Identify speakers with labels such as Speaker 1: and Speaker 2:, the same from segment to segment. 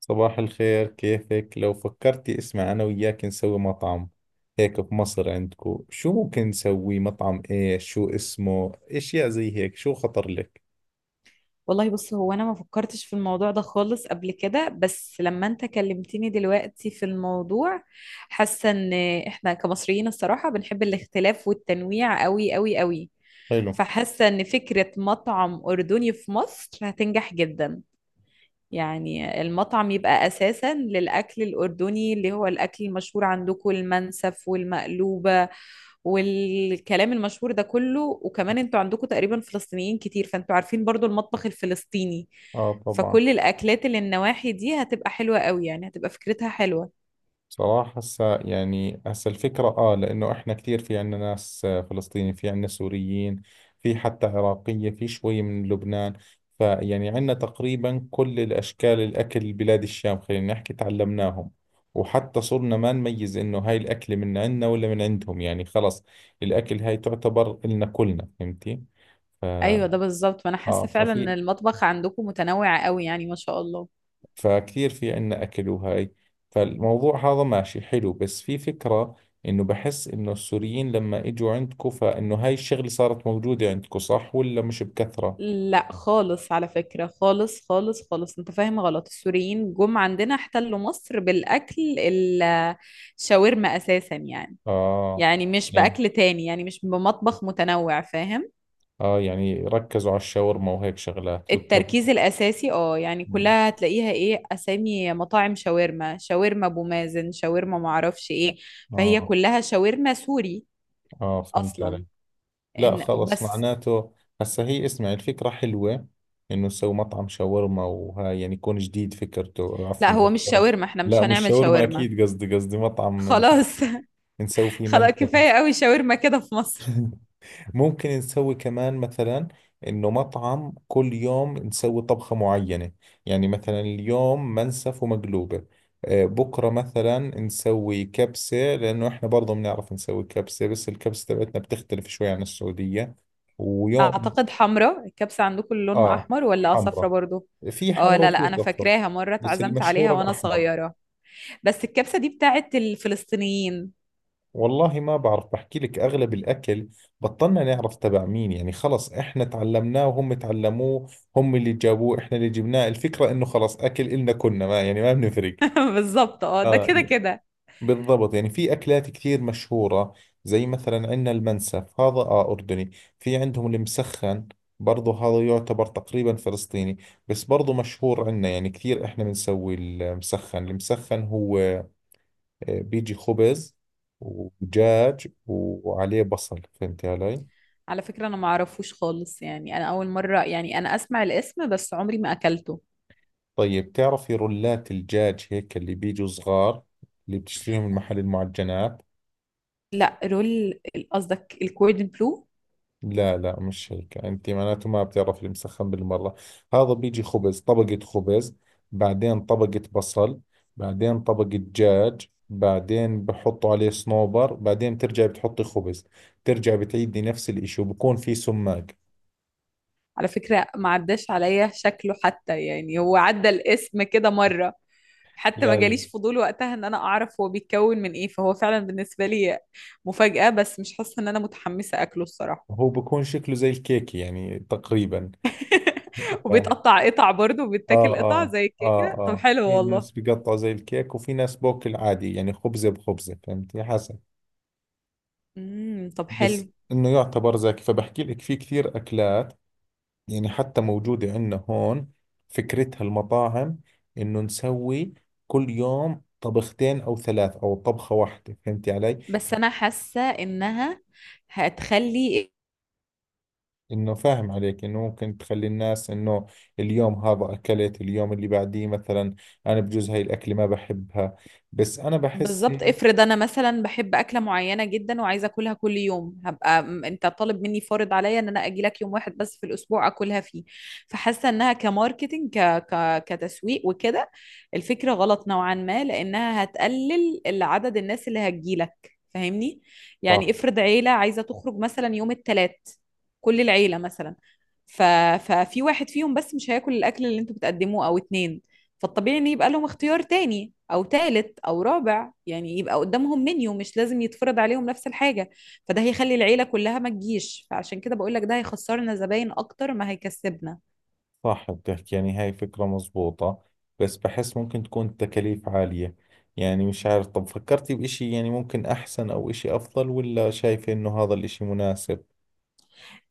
Speaker 1: صباح الخير، كيفك؟ لو فكرتي اسمع أنا وياك نسوي مطعم هيك بمصر عندكو. شو ممكن نسوي مطعم؟ إيش شو اسمه أشياء زي هيك؟ شو خطر لك؟
Speaker 2: والله بص. هو انا ما فكرتش في الموضوع ده خالص قبل كده، بس لما انت كلمتني دلوقتي في الموضوع حاسه ان احنا كمصريين الصراحه بنحب الاختلاف والتنويع قوي قوي قوي.
Speaker 1: حلو.
Speaker 2: فحاسه ان فكره مطعم اردني في مصر هتنجح جدا. يعني المطعم يبقى أساسا للأكل الأردني اللي هو الأكل المشهور عندكم، المنسف والمقلوبة والكلام المشهور ده كله. وكمان انتوا عندكم تقريبا فلسطينيين كتير، فانتوا عارفين برضو المطبخ الفلسطيني.
Speaker 1: آه طبعا.
Speaker 2: فكل الأكلات اللي النواحي دي هتبقى حلوة قوي، يعني هتبقى فكرتها حلوة.
Speaker 1: صراحة هسا يعني هسا الفكرة آه، لأنه إحنا كثير في عندنا ناس فلسطيني، في عندنا سوريين، في حتى عراقية، في شوي من لبنان. فيعني عندنا تقريبا كل الأشكال، الأكل بلاد الشام خلينا نحكي تعلمناهم. وحتى صرنا ما نميز إنه هاي الأكلة من عندنا ولا من عندهم، يعني خلص الأكل هاي تعتبر إلنا كلنا، فهمتي؟ ف...
Speaker 2: أيوة ده بالظبط، ما أنا
Speaker 1: آه،
Speaker 2: حاسة فعلا إن
Speaker 1: ففي،
Speaker 2: المطبخ عندكم متنوع قوي يعني، ما شاء الله.
Speaker 1: فكثير في عنا أكل وهاي. فالموضوع هذا ماشي حلو، بس في فكرة إنه بحس إنه السوريين لما إجوا عندكم، فإنه هاي الشغلة صارت موجودة عندكم صح ولا مش بكثرة؟
Speaker 2: لا خالص، على فكرة خالص خالص خالص، انت فاهم غلط. السوريين جم عندنا احتلوا مصر بالأكل الشاورما أساسا يعني.
Speaker 1: آه
Speaker 2: يعني مش
Speaker 1: يعني،
Speaker 2: بأكل تاني، يعني مش بمطبخ متنوع، فاهم.
Speaker 1: آه يعني ركزوا على الشاورما وهيك شغلات
Speaker 2: التركيز الأساسي اه، يعني
Speaker 1: مم.
Speaker 2: كلها هتلاقيها ايه، أسامي مطاعم شاورما، شاورما أبو مازن، شاورما معرفش ايه. فهي
Speaker 1: آه.
Speaker 2: كلها شاورما سوري
Speaker 1: آه، فهمت
Speaker 2: أصلا.
Speaker 1: عليك. لا
Speaker 2: إن
Speaker 1: خلص
Speaker 2: بس.
Speaker 1: معناته، هسا هي اسمع، الفكرة حلوة إنه نسوي مطعم شاورما وهاي، يعني يكون جديد فكرته.
Speaker 2: لا،
Speaker 1: عفوا قال
Speaker 2: هو مش
Speaker 1: شاورما.
Speaker 2: شاورما، احنا مش
Speaker 1: لا مش
Speaker 2: هنعمل
Speaker 1: شاورما
Speaker 2: شاورما
Speaker 1: أكيد، قصدي مطعم
Speaker 2: خلاص.
Speaker 1: نسوي فيه
Speaker 2: خلاص،
Speaker 1: منتر.
Speaker 2: كفاية قوي شاورما كده في مصر.
Speaker 1: ممكن نسوي كمان مثلا انه مطعم كل يوم نسوي طبخة معينة. يعني مثلا اليوم منسف ومقلوبة، بكرة مثلا نسوي كبسة، لأنه إحنا برضه بنعرف نسوي كبسة، بس الكبسة تبعتنا بتختلف شوي عن السعودية. ويوم
Speaker 2: اعتقد حمراء الكبسة عندكم، اللي لونها
Speaker 1: آه،
Speaker 2: احمر، ولا صفرة
Speaker 1: حمرة.
Speaker 2: برضو؟
Speaker 1: في
Speaker 2: اه
Speaker 1: حمرة
Speaker 2: لا لا،
Speaker 1: وفي
Speaker 2: انا
Speaker 1: صفرة،
Speaker 2: فاكراها مرة
Speaker 1: بس
Speaker 2: اتعزمت عليها
Speaker 1: المشهورة
Speaker 2: وانا
Speaker 1: الأحمر.
Speaker 2: صغيرة. بس الكبسة دي بتاعت الفلسطينيين.
Speaker 1: والله ما بعرف، بحكي لك أغلب الأكل بطلنا نعرف تبع مين، يعني خلص إحنا تعلمناه وهم تعلموه، هم اللي جابوه إحنا اللي جبناه، الفكرة إنه خلص أكل إلنا، كنا ما يعني ما بنفرق.
Speaker 2: بالظبط اه، ده
Speaker 1: آه
Speaker 2: كده
Speaker 1: ي-
Speaker 2: كده.
Speaker 1: بالضبط. يعني في أكلات كثير مشهورة، زي مثلا عندنا المنسف هذا آه أردني، في عندهم المسخن، برضه هذا يعتبر تقريبا فلسطيني، بس برضه مشهور عندنا يعني كثير. إحنا بنسوي المسخن، المسخن هو بيجي خبز ودجاج وعليه بصل، فهمت علي؟
Speaker 2: على فكرة انا ما اعرفوش خالص، يعني انا اول مرة يعني انا اسمع الاسم، بس عمري ما اكلته.
Speaker 1: طيب تعرفي رولات الدجاج هيك اللي بيجوا صغار اللي بتشتريهم من محل المعجنات؟
Speaker 2: لا رول، قصدك الكوردن بلو؟
Speaker 1: لا لا مش هيك. انت معناته ما بتعرف المسخن بالمرة. هذا بيجي خبز، طبقة خبز، بعدين طبقة بصل، بعدين طبقة دجاج، بعدين بحطوا عليه صنوبر، بعدين بترجعي بتحطي خبز، ترجع بتعيدي نفس الاشي، وبكون في سماق.
Speaker 2: على فكرة ما عداش عليا شكله حتى، يعني هو عدى الاسم كده مرة، حتى ما
Speaker 1: لا لا.
Speaker 2: جاليش فضول وقتها ان انا اعرف هو بيتكون من ايه. فهو فعلا بالنسبة لي مفاجأة، بس مش حاسة ان انا متحمسة اكله الصراحة.
Speaker 1: هو بكون شكله زي الكيكة يعني تقريبا. آه.
Speaker 2: وبيتقطع قطع برضه
Speaker 1: آه
Speaker 2: وبيتاكل قطع
Speaker 1: آه
Speaker 2: زي الكيكة، طب
Speaker 1: آه،
Speaker 2: حلو
Speaker 1: في ناس
Speaker 2: والله.
Speaker 1: بيقطعوا زي الكيك، وفي ناس بوكل عادي يعني خبزة بخبزة، فهمتي، حسب.
Speaker 2: طب
Speaker 1: بس
Speaker 2: حلو.
Speaker 1: إنه يعتبر زاكي، فبحكي لك في كثير أكلات يعني حتى موجودة عندنا هون. فكرتها المطاعم إنه نسوي كل يوم طبختين أو ثلاث أو طبخة واحدة، فهمتي علي؟
Speaker 2: بس انا حاسة انها هتخلي.
Speaker 1: انه فاهم عليك انه ممكن تخلي الناس انه اليوم هذا اكلت، اليوم اللي بعديه مثلا انا بجوز هاي الاكله ما بحبها، بس انا بحس
Speaker 2: بالضبط،
Speaker 1: هي
Speaker 2: افرض انا مثلا بحب اكله معينه جدا وعايزه اكلها كل يوم، هبقى انت طالب مني، فارض عليا ان انا اجي لك يوم واحد بس في الاسبوع اكلها فيه. فحاسه انها كماركتنج كتسويق وكده. الفكره غلط نوعا ما، لانها هتقلل عدد الناس اللي هتجي لك، فاهمني.
Speaker 1: صح.
Speaker 2: يعني افرض عيله عايزه تخرج مثلا يوم الثلاث، كل العيله مثلا. ف... ففي واحد فيهم بس مش هياكل الاكل اللي انتوا بتقدموه، او اتنين. فالطبيعي ان يبقى لهم اختيار تاني او تالت او رابع، يعني يبقى قدامهم منيو، مش لازم يتفرض عليهم نفس الحاجة. فده هيخلي العيلة كلها ما تجيش. فعشان كده بقول لك، ده هيخسرنا زباين اكتر ما هيكسبنا.
Speaker 1: صح، بتحكي يعني هاي فكره مزبوطه، بس بحس ممكن تكون التكاليف عاليه. يعني مش عارف، طب فكرتي بإشي يعني ممكن احسن او إشي افضل، ولا شايفه انه هذا الإشي مناسب؟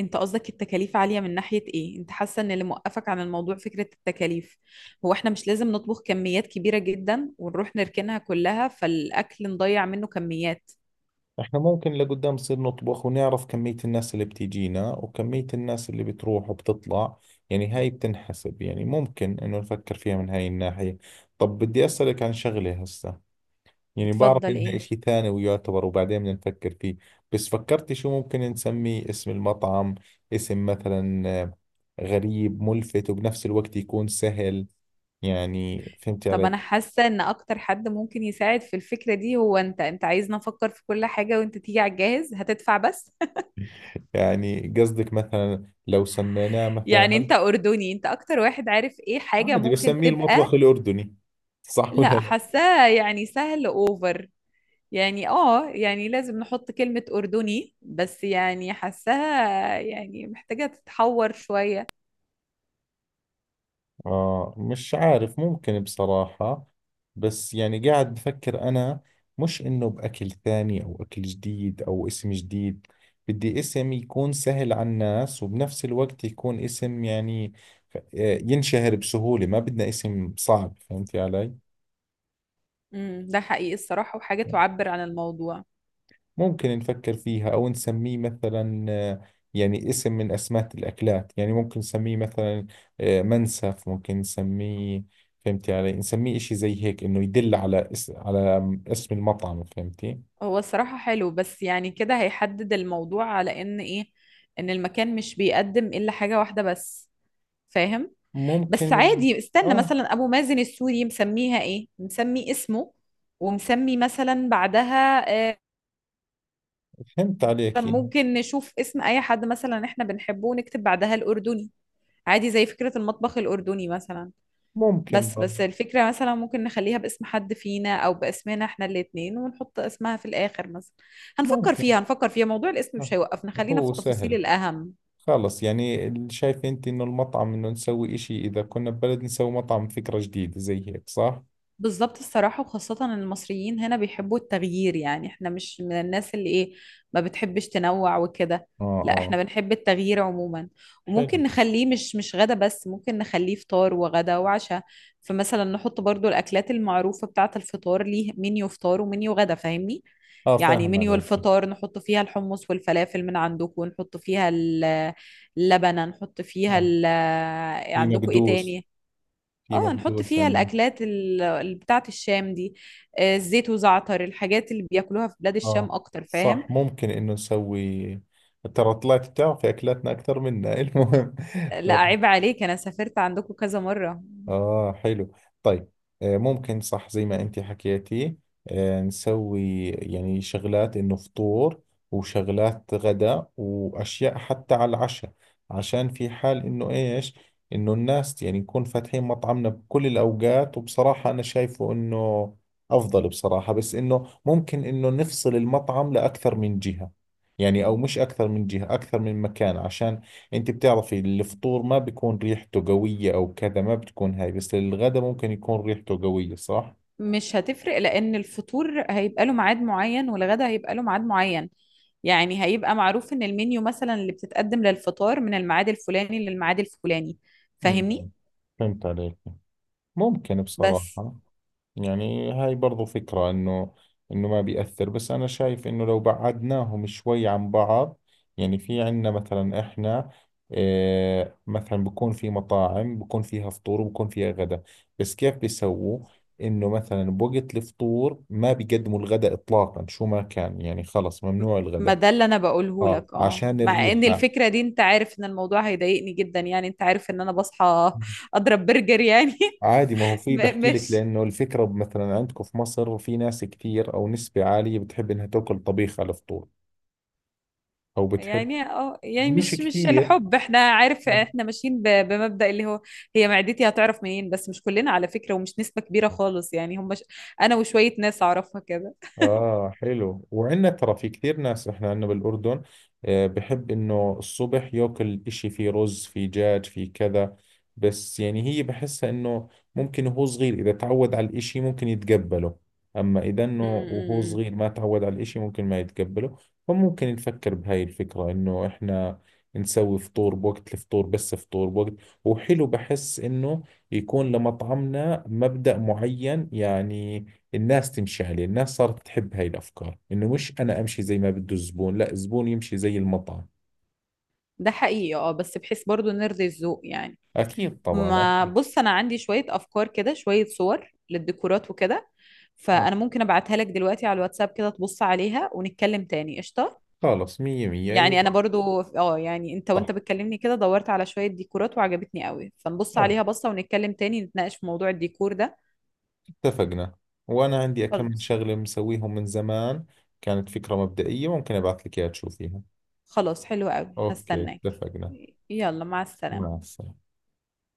Speaker 2: انت قصدك التكاليف عالية من ناحية ايه، انت حاسة ان اللي موقفك عن الموضوع فكرة التكاليف؟ هو احنا مش لازم نطبخ كميات كبيرة جدا ونروح نركنها كلها، فالاكل نضيع منه كميات.
Speaker 1: احنا ممكن لقدام نصير نطبخ ونعرف كمية الناس اللي بتيجينا وكمية الناس اللي بتروح وبتطلع، يعني هاي بتنحسب. يعني ممكن انه نفكر فيها من هاي الناحية. طب بدي اسألك عن شغلة هسه، يعني بعرف
Speaker 2: اتفضل
Speaker 1: انها
Speaker 2: ايه.
Speaker 1: اشي ثاني ويعتبر وبعدين بدنا نفكر فيه، بس فكرتي شو ممكن نسميه اسم المطعم؟ اسم مثلا غريب ملفت وبنفس الوقت يكون سهل، يعني فهمتي
Speaker 2: طب
Speaker 1: علي؟
Speaker 2: انا حاسه ان اكتر حد ممكن يساعد في الفكره دي هو انت، انت عايزنا افكر في كل حاجه وانت تيجي على الجاهز هتدفع بس.
Speaker 1: يعني قصدك مثلا لو سميناه
Speaker 2: يعني
Speaker 1: مثلا
Speaker 2: انت اردني، انت اكتر واحد عارف ايه حاجه
Speaker 1: عادي
Speaker 2: ممكن
Speaker 1: بسميه
Speaker 2: تبقى.
Speaker 1: المطبخ الأردني، صح ولا
Speaker 2: لا
Speaker 1: لا؟
Speaker 2: حاساه يعني سهل اوفر، يعني اه، يعني لازم نحط كلمه اردني بس يعني حاساها يعني محتاجه تتحور شويه.
Speaker 1: آه مش عارف ممكن بصراحة، بس يعني قاعد بفكر أنا، مش إنه بأكل ثاني أو أكل جديد أو اسم جديد، بدي اسم يكون سهل على الناس وبنفس الوقت يكون اسم يعني ف- آه، ينشهر بسهولة، ما بدنا اسم صعب، فهمتي علي؟
Speaker 2: ده حقيقي الصراحه، وحاجه تعبر عن الموضوع.
Speaker 1: ممكن نفكر فيها، أو نسميه مثلا يعني اسم من أسماء الأكلات، يعني ممكن نسميه مثلا منسف، ممكن نسميه، فهمتي علي، نسميه إشي زي هيك إنه يدل على على اسم المطعم، فهمتي؟
Speaker 2: هو الصراحة حلو، بس يعني كده هيحدد الموضوع على ان ايه، ان المكان مش بيقدم الا حاجة واحدة بس، فاهم.
Speaker 1: ممكن
Speaker 2: بس
Speaker 1: من،
Speaker 2: عادي، استنى
Speaker 1: آه
Speaker 2: مثلا ابو مازن السوري مسميها ايه، مسمي اسمه ومسمي مثلا بعدها آه،
Speaker 1: فهمت عليك يعني.
Speaker 2: ممكن نشوف اسم اي حد مثلا احنا بنحبه ونكتب بعدها الاردني، عادي زي فكرة المطبخ الاردني مثلا.
Speaker 1: ممكن
Speaker 2: بس
Speaker 1: برضه.
Speaker 2: بس الفكرة مثلا ممكن نخليها باسم حد فينا، أو باسمنا احنا الاتنين ونحط اسمها في الآخر مثلا. هنفكر
Speaker 1: ممكن.
Speaker 2: فيها، هنفكر فيها. موضوع الاسم مش
Speaker 1: آه.
Speaker 2: هيوقفنا، خلينا في
Speaker 1: هو
Speaker 2: التفاصيل
Speaker 1: سهل.
Speaker 2: الأهم.
Speaker 1: خلص يعني شايف أنت إنه المطعم إنه نسوي إشي، إذا كنا ببلد نسوي مطعم فكرة جديدة زي هيك، صح؟
Speaker 2: بالظبط الصراحة، وخاصة إن المصريين هنا بيحبوا التغيير، يعني احنا مش من الناس اللي ايه، ما بتحبش تنوع وكده.
Speaker 1: آه.
Speaker 2: لا احنا
Speaker 1: آه
Speaker 2: بنحب التغيير عموما.
Speaker 1: حلو.
Speaker 2: وممكن نخليه مش غدا بس، ممكن نخليه فطار وغدا وعشاء. فمثلا نحط برضو الأكلات المعروفة بتاعة الفطار، ليه منيو فطار ومنيو غدا، فاهمني.
Speaker 1: آه
Speaker 2: يعني
Speaker 1: فاهم
Speaker 2: منيو
Speaker 1: عليك.
Speaker 2: الفطار نحط فيها الحمص والفلافل من عندكم، ونحط فيها اللبنة، نحط فيها
Speaker 1: اه. في
Speaker 2: عندكم ايه
Speaker 1: مقدوس،
Speaker 2: تاني.
Speaker 1: في
Speaker 2: اه نحط
Speaker 1: مقدوس
Speaker 2: فيها
Speaker 1: عندنا.
Speaker 2: الاكلات اللي بتاعه الشام دي، آه، الزيت وزعتر، الحاجات اللي بياكلوها في بلاد الشام
Speaker 1: اه
Speaker 2: اكتر،
Speaker 1: صح،
Speaker 2: فاهم.
Speaker 1: ممكن انه نسوي. ترى طلعت بتعرفي اكلاتنا اكثر منا. المهم،
Speaker 2: لا عيب عليك، انا سافرت عندكم كذا مره.
Speaker 1: آه حلو. طيب، ممكن صح زي ما أنت حكيتي، نسوي يعني شغلات إنه فطور وشغلات غداء وأشياء حتى على العشاء، عشان في حال إنه إيش، إنه الناس يعني نكون فاتحين مطعمنا بكل الأوقات. وبصراحة أنا شايفه إنه أفضل بصراحة، بس إنه ممكن إنه نفصل المطعم لأكثر من جهة، يعني أو مش أكثر من جهة، أكثر من مكان، عشان انت بتعرفي الفطور ما بيكون ريحته قوية او كذا، ما بتكون هاي، بس الغداء ممكن يكون ريحته قوية، صح؟
Speaker 2: مش هتفرق، لان الفطور هيبقى له ميعاد معين والغدا هيبقى له ميعاد معين، يعني هيبقى معروف ان المنيو مثلا اللي بتتقدم للفطار من الميعاد الفلاني للميعاد الفلاني،
Speaker 1: مم.
Speaker 2: فاهمني.
Speaker 1: فهمت عليك. ممكن
Speaker 2: بس
Speaker 1: بصراحة، يعني هاي برضو فكرة، انه انه ما بيأثر، بس انا شايف انه لو بعدناهم شوي عن بعض. يعني في عندنا مثلا احنا آه مثلا بكون في مطاعم بكون فيها فطور وبكون فيها غدا، بس كيف بيسووا؟ انه مثلا بوقت الفطور ما بيقدموا الغدا اطلاقا، شو ما كان يعني خلص ممنوع
Speaker 2: ما
Speaker 1: الغدا.
Speaker 2: ده اللي انا بقوله
Speaker 1: اه
Speaker 2: لك اه،
Speaker 1: عشان
Speaker 2: مع ان
Speaker 1: الريحة.
Speaker 2: الفكره دي انت عارف ان الموضوع هيضايقني جدا، يعني انت عارف ان انا بصحى اضرب برجر يعني.
Speaker 1: عادي، ما هو في بحكي لك،
Speaker 2: مش
Speaker 1: لانه الفكرة مثلا عندكم في مصر في ناس كثير او نسبة عالية بتحب انها تاكل طبيخ على الفطور، او بتحب،
Speaker 2: يعني اه، يعني
Speaker 1: مش
Speaker 2: مش
Speaker 1: كتير.
Speaker 2: الحب، احنا عارف
Speaker 1: آه.
Speaker 2: احنا ماشيين بمبدأ اللي هو هي معدتي هتعرف منين. بس مش كلنا على فكره، ومش نسبه كبيره خالص يعني، هم انا وشويه ناس اعرفها كده.
Speaker 1: آه حلو، وعندنا ترى في كثير ناس، إحنا عندنا بالأردن بحب إنه الصبح ياكل إشي فيه رز فيه دجاج فيه كذا. بس يعني هي بحسها إنه ممكن وهو صغير إذا تعود على الإشي ممكن يتقبله، أما إذا
Speaker 2: م-
Speaker 1: إنه وهو
Speaker 2: م- م.
Speaker 1: صغير ما تعود على الإشي ممكن ما يتقبله. فممكن نفكر بهاي الفكرة إنه إحنا نسوي فطور بوقت الفطور، بس فطور بوقت. وحلو بحس إنه يكون لمطعمنا مبدأ معين، يعني الناس تمشي عليه، الناس صارت تحب هاي الأفكار، إنه مش أنا أمشي زي ما بده الزبون، لا الزبون يمشي زي المطعم.
Speaker 2: ده حقيقي اه، بس بحيث برضو نرضي الذوق يعني.
Speaker 1: أكيد طبعا
Speaker 2: ما
Speaker 1: أكيد.
Speaker 2: بص، انا عندي شويه افكار كده، شويه صور للديكورات وكده،
Speaker 1: آه
Speaker 2: فانا ممكن ابعتها لك دلوقتي على الواتساب كده، تبص عليها ونتكلم تاني قشطه.
Speaker 1: خلص، مية مية،
Speaker 2: يعني انا
Speaker 1: أيوة.
Speaker 2: برضو اه، يعني انت
Speaker 1: صح.
Speaker 2: وانت بتكلمني كده دورت على شويه ديكورات وعجبتني قوي، فنبص
Speaker 1: آه.
Speaker 2: عليها بصه ونتكلم تاني، نتناقش في موضوع الديكور ده.
Speaker 1: اتفقنا. وأنا عندي كم
Speaker 2: خلاص.
Speaker 1: شغلة مسويهم من زمان، كانت فكرة مبدئية، ممكن أبعث لك إياها تشوفيها.
Speaker 2: خلاص حلو قوي،
Speaker 1: أوكي
Speaker 2: هستناك.
Speaker 1: اتفقنا.
Speaker 2: يلا مع
Speaker 1: مع
Speaker 2: السلامه.
Speaker 1: السلامة.